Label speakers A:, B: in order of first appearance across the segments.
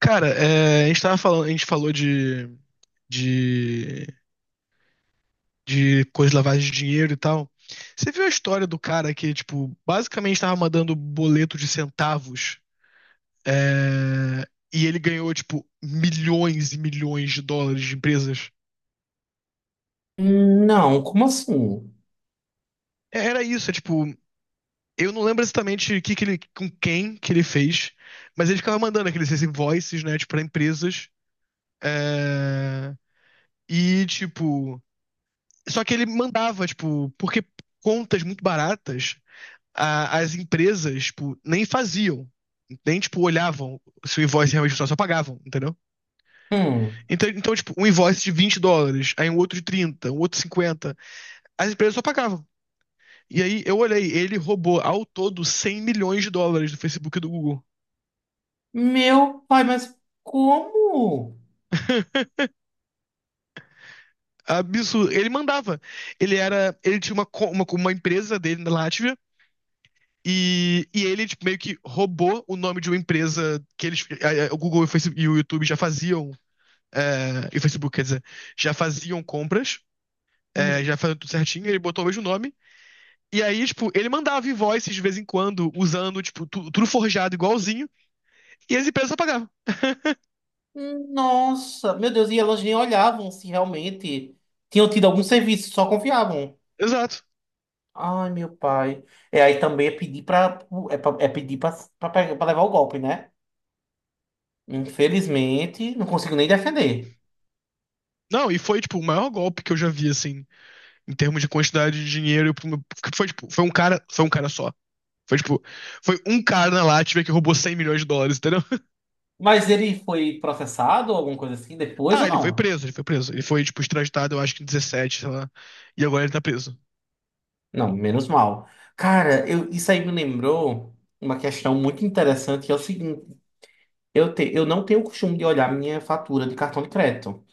A: Cara, a gente tava falando, a gente falou de, de coisa de lavagem de dinheiro e tal. Você viu a história do cara que, tipo, basicamente tava mandando boleto de centavos, é, e ele ganhou, tipo, milhões e milhões de dólares de empresas?
B: Não, como assim?
A: Era isso, é tipo, eu não lembro exatamente o que que ele, com quem que ele fez, mas ele ficava mandando aqueles invoices, né, tipo, pra empresas, é, e, tipo... Só que ele mandava, tipo, porque contas muito baratas, as empresas, tipo, nem faziam. Nem, tipo, olhavam se o invoice realmente funcionava, só pagavam, entendeu?
B: Hum.
A: Então, tipo, um invoice de US$ 20, aí um outro de 30 um outro de 50, as empresas só pagavam. E aí eu olhei, ele roubou ao todo US$ 100 milhões do Facebook e do Google.
B: Meu pai, mas como?
A: Absurdo. Ele mandava. Ele tinha uma, uma empresa dele na Látvia, e ele tipo, meio que roubou o nome de uma empresa que eles. O Google e o e o YouTube já faziam. É, e o Facebook, quer dizer, já faziam compras, é, já faziam tudo certinho, ele botou o mesmo nome. E aí, tipo, ele mandava invoices de vez em quando, usando, tipo, tudo forjado igualzinho, e as empresas só pagavam.
B: Nossa, meu Deus, e elas nem olhavam se realmente tinham tido algum serviço, só confiavam.
A: Exato.
B: Ai, meu pai. É, aí também é pedir pra, é pedir pra, pra levar o golpe, né? Infelizmente, não consigo nem defender.
A: Não, e foi, tipo, o maior golpe que eu já vi, assim, em termos de quantidade de dinheiro. Porque Foi, tipo, foi um cara só. Foi, tipo, foi um cara na Latvia que roubou US$ 100 milhões, entendeu?
B: Mas ele foi processado, alguma coisa assim, depois
A: Ah,
B: ou não?
A: ele foi preso. Ele foi, tipo, extraditado, eu acho que em 2017, sei lá. E agora ele tá preso.
B: Não, menos mal. Cara, eu, isso aí me lembrou uma questão muito interessante, que é o seguinte. eu não tenho o costume de olhar minha fatura de cartão de crédito.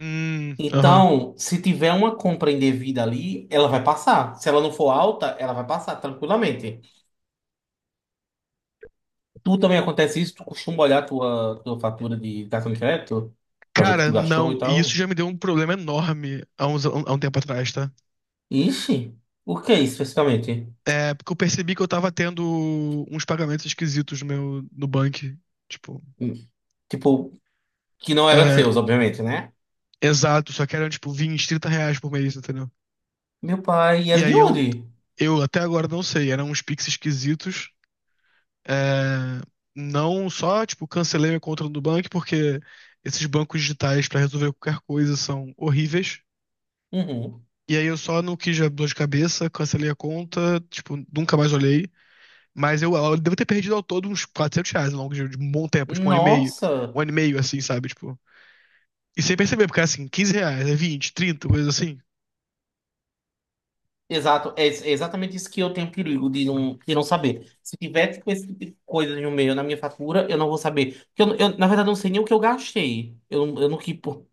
A: Aham.
B: Então, se tiver uma compra indevida ali, ela vai passar. Se ela não for alta, ela vai passar tranquilamente. Tu também acontece isso? Tu costuma olhar tua fatura de cartão de crédito pra ver o que tu
A: Cara,
B: gastou e
A: não. E isso
B: tal?
A: já me deu um problema enorme há, uns, há um tempo atrás, tá?
B: Ixi, o que é isso especificamente?
A: É, porque eu percebi que eu tava tendo uns pagamentos esquisitos no banco. Tipo,
B: Hum, Tipo, que não era
A: é,
B: seus, obviamente, né?
A: exato, só que eram, tipo, R$ 20, 30 por mês, entendeu?
B: Meu pai
A: E
B: era de
A: aí eu,
B: onde?
A: eu até agora não sei, eram uns Pix esquisitos. É, não só, tipo, cancelei minha conta do banco porque esses bancos digitais pra resolver qualquer coisa são horríveis.
B: Uhum.
A: E aí eu só não quis dar dor de cabeça, cancelei a conta, tipo, nunca mais olhei. Mas eu devo ter perdido ao todo uns R$ 400 ao longo de um bom tempo, tipo,
B: Nossa.
A: um ano e meio, assim, sabe? Tipo, e sem perceber, porque assim, R$ 15, é 20, 30, coisa assim.
B: Exato, é exatamente isso que eu tenho perigo de não saber. Se tiver tipo, esse tipo de coisa no meio, na minha fatura, eu não vou saber. Porque eu, na verdade, não sei nem o que eu gastei.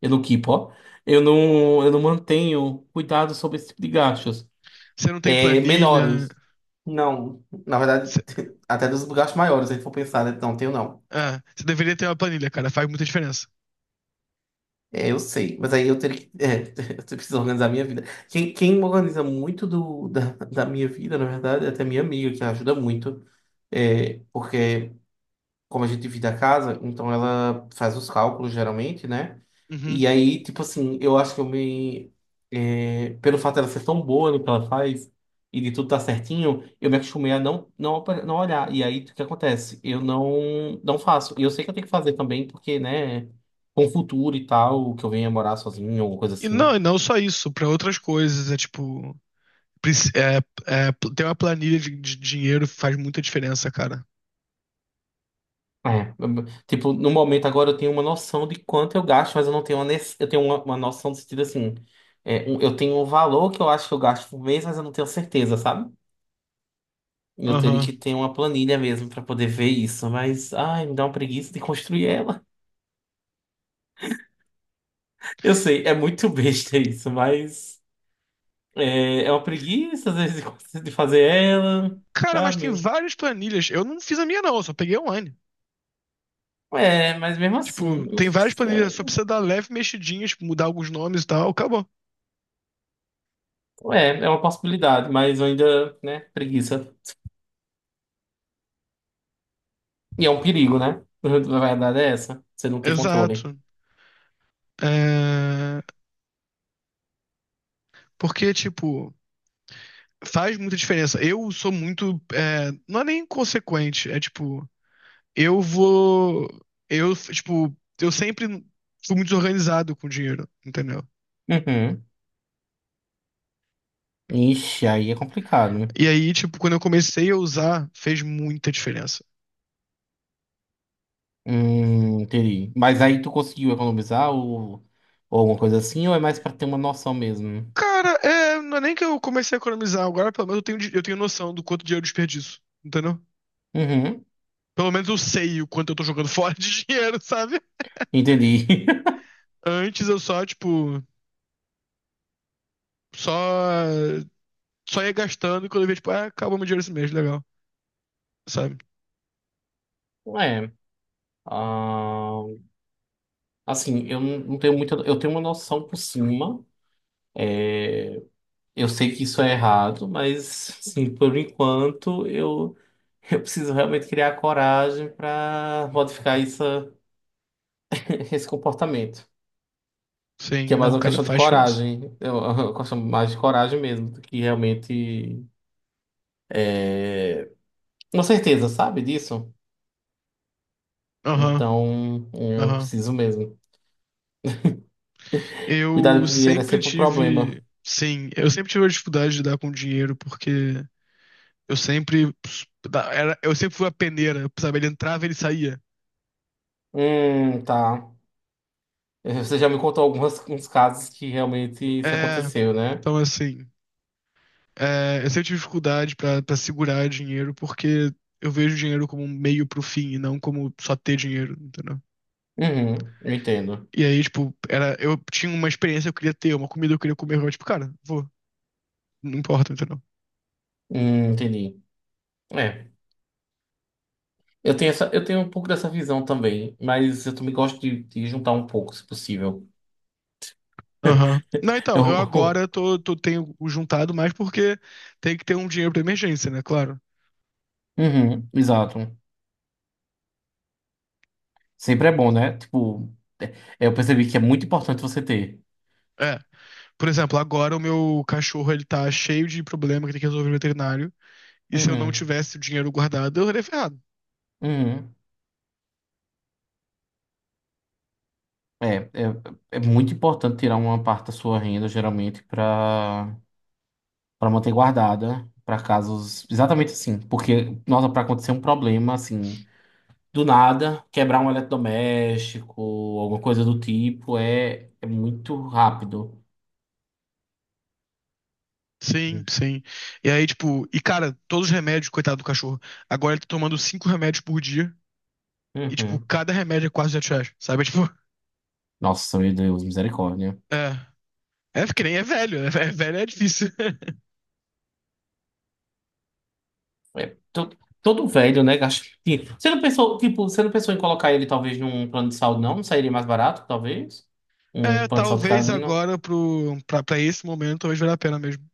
B: Eu não keepo, ó. Eu não mantenho cuidado sobre esse tipo de gastos.
A: Você não tem
B: É,
A: planilha,
B: menores. Não, na verdade,
A: você
B: até dos gastos maiores, se a gente for pensar, né? Não, tenho não.
A: é, você deveria ter uma planilha, cara. Faz muita diferença.
B: É, eu sei, mas aí eu teria que. É, eu preciso organizar a minha vida. Quem organiza muito da minha vida, na verdade, é até minha amiga, que ajuda muito. É, porque como a gente divide a casa, então ela faz os cálculos geralmente, né?
A: Uhum.
B: E aí, tipo assim, eu acho que eu me. Pelo fato dela ser tão boa no que ela faz e de tudo tá certinho, eu me acostumei a não olhar. E aí, o que acontece? Eu não, não faço. E eu sei que eu tenho que fazer também, porque, né, com o futuro e tal, que eu venha morar sozinho, alguma coisa assim.
A: E não só isso, pra outras coisas. É tipo, preci- é, é, ter uma planilha de dinheiro faz muita diferença, cara.
B: É, tipo, no momento agora eu tenho uma noção de quanto eu gasto, mas eu não tenho uma. Eu tenho uma noção do sentido assim. Eu tenho um valor que eu acho que eu gasto por mês, mas eu não tenho certeza, sabe? Eu teria
A: Aham.
B: que ter uma planilha mesmo pra poder ver isso, mas ai, me dá uma preguiça de construir ela. Eu sei, é muito besta isso, mas é, é uma preguiça às vezes de fazer ela,
A: Cara, mas tem
B: sabe?
A: várias planilhas. Eu não fiz a minha, não, eu só peguei online.
B: É, mas mesmo assim,
A: Tipo,
B: eu-
A: tem várias planilhas, só precisa dar leve mexidinha, tipo, mudar alguns nomes e tal, acabou.
B: é, é uma possibilidade, mas eu ainda, né, preguiça. E é um perigo, né? A verdade é essa. Você não tem controle.
A: Exato. É, porque, tipo, faz muita diferença. Eu sou muito. Não é nem inconsequente, é tipo, eu vou. Eu, tipo, eu sempre fui muito desorganizado com dinheiro, entendeu?
B: Uhum. Ixi, aí é complicado, né?
A: E aí, tipo, quando eu comecei a usar, fez muita diferença.
B: Entendi. Mas aí tu conseguiu economizar ou alguma coisa assim, ou é mais pra ter uma noção mesmo?
A: Cara, é, não é nem que eu comecei a economizar, agora pelo menos eu tenho, eu tenho noção do quanto dinheiro eu desperdiço, entendeu?
B: Uhum.
A: Pelo menos eu sei o quanto eu tô jogando fora de dinheiro, sabe?
B: Entendi.
A: Antes eu só, tipo, só, só ia gastando e quando eu via, tipo, ah, acabou meu dinheiro esse mês, legal, sabe?
B: É. Ah, assim, eu não tenho muita. Eu tenho uma noção por cima. Eu sei que isso é errado, mas, assim, por enquanto, eu preciso realmente criar coragem para modificar isso, esse comportamento.
A: Sim,
B: Que é mais
A: não,
B: uma
A: cara,
B: questão de
A: faz diferença.
B: coragem. É uma questão mais de coragem mesmo, do que realmente é, uma certeza, sabe disso?
A: Aham,
B: Então, eu
A: aham.
B: preciso mesmo. Cuidado
A: Eu
B: com o dinheiro é
A: sempre
B: sempre um problema.
A: tive. Sim, eu sempre tive a dificuldade de dar com dinheiro, porque eu sempre. Era, eu sempre fui a peneira, sabe? Ele entrava, e ele saía.
B: Tá. Eh, você já me contou alguns uns casos que realmente isso
A: É,
B: aconteceu, né?
A: então assim. É, eu sempre tive dificuldade pra segurar dinheiro porque eu vejo dinheiro como um meio pro fim e não como só ter dinheiro, entendeu?
B: Uhum, eu entendo.
A: E aí, tipo, era, eu tinha uma experiência que eu queria ter, uma comida que eu queria comer, eu, tipo, cara, vou, não importa, entendeu?
B: Entendi. É. Eu tenho essa, eu tenho um pouco dessa visão também, mas eu também gosto de juntar um pouco, se possível.
A: Aham. Não, então, eu agora
B: Eu-
A: tô, tenho juntado mais porque tem que ter um dinheiro pra emergência, né? Claro.
B: Uhum, exato. Sempre é bom, né? Tipo, é- é, eu percebi que é muito importante você ter.
A: É. Por exemplo, agora o meu cachorro, ele tá cheio de problema que tem que resolver no veterinário. E se eu não
B: Uhum.
A: tivesse o dinheiro guardado, eu estaria ferrado.
B: Uhum. É, é, é muito importante tirar uma parte da sua renda, geralmente, para para manter guardada, para casos exatamente assim. Porque, nossa, para acontecer um problema, assim, do nada, quebrar um eletrodoméstico, alguma coisa do tipo, é, é muito rápido.
A: Sim, sim. E aí, tipo, e cara, todos os remédios, coitado do cachorro. Agora ele tá tomando cinco remédios por dia. E, tipo,
B: Uhum.
A: cada remédio é quase R$ 200, sabe? É, tipo,
B: Nossa, meu Deus, misericórdia.
A: é. É que nem é velho, né? É velho é difícil.
B: É, todo velho, né? Gasta... Você não pensou, tipo, você não pensou em colocar ele talvez num plano de saúde, não? Não sairia mais barato, talvez? Um
A: É,
B: plano de saúde
A: talvez
B: canino?
A: agora pra esse momento, talvez valha a pena mesmo.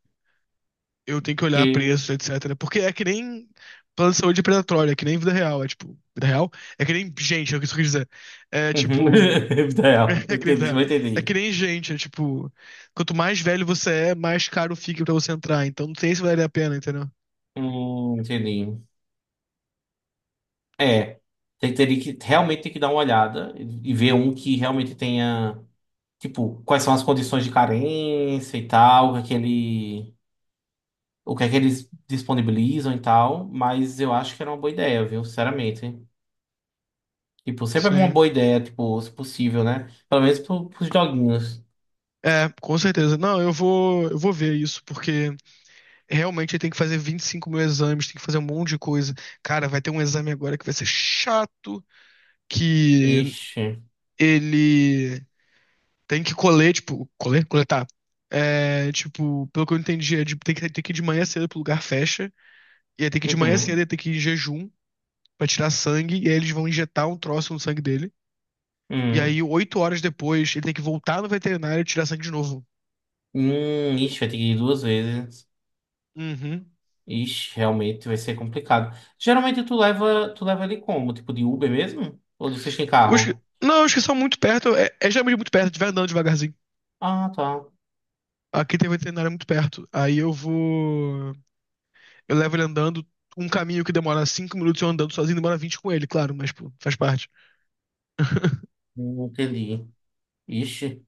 A: Eu tenho que olhar
B: Que.
A: preço,
B: Uhum.
A: etc. Porque é que nem plano de saúde predatório, é que nem vida real. É tipo, vida real? É que nem gente, é o que isso quer dizer. É
B: É
A: tipo.
B: vida real. Eu
A: É que nem,
B: entendi, eu
A: é que
B: entendi.
A: nem gente, é tipo, quanto mais velho você é, mais caro fica pra você entrar. Então não sei se vale a pena, entendeu?
B: Entendi. É. Teria que realmente ter que dar uma olhada e ver um que realmente tenha, tipo, quais são as condições de carência e tal, o que é que ele, o que é que eles disponibilizam e tal, mas eu acho que era uma boa ideia, viu? Sinceramente. Tipo, sempre é uma
A: Sim.
B: boa ideia, tipo, se possível, né? Pelo menos pro, pros doguinhos.
A: É, com certeza. Não, eu vou ver isso, porque realmente tem que fazer 25 mil exames, tem que fazer um monte de coisa. Cara, vai ter um exame agora que vai ser chato, que
B: Ixi.
A: ele tem que colher, tipo, colher, coletar. É, tipo, pelo que eu entendi, é tem que ir de manhã cedo pro lugar fecha, e aí tem que ir de manhã cedo,
B: Uhum.
A: e tem que ir em jejum pra tirar sangue, e aí eles vão injetar um troço no sangue dele. E aí,
B: Uhum.
A: 8 horas depois, ele tem que voltar no veterinário e tirar sangue de novo.
B: Ixi, vai ter que ir duas vezes.
A: Uhum.
B: Ixi, realmente vai ser complicado. Geralmente tu leva ele como? Tipo de Uber mesmo? Ou vocês têm
A: Os que-
B: carro?
A: não, os que são muito perto, é geralmente muito perto, tiver andando devagarzinho.
B: Ah, tá.
A: Aqui tem um veterinário muito perto. Aí eu vou. Eu levo ele andando. Um caminho que demora 5 minutos eu andando sozinho, demora 20 com ele, claro, mas pô, faz parte.
B: Entendi. Ixi.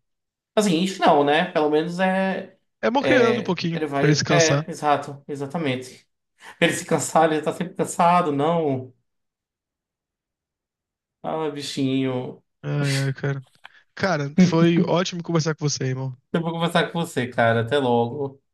B: Assim, ixi não, né? Pelo menos é.
A: É bom criando um
B: É.
A: pouquinho
B: Ele
A: pra ele se
B: vai.
A: cansar.
B: É, exato, exatamente. Pra ele se cansar, ele tá sempre cansado, não. Ah, bichinho.
A: Ai, ai, cara. Cara, foi ótimo conversar com você, irmão.
B: Eu vou conversar com você, cara. Até logo.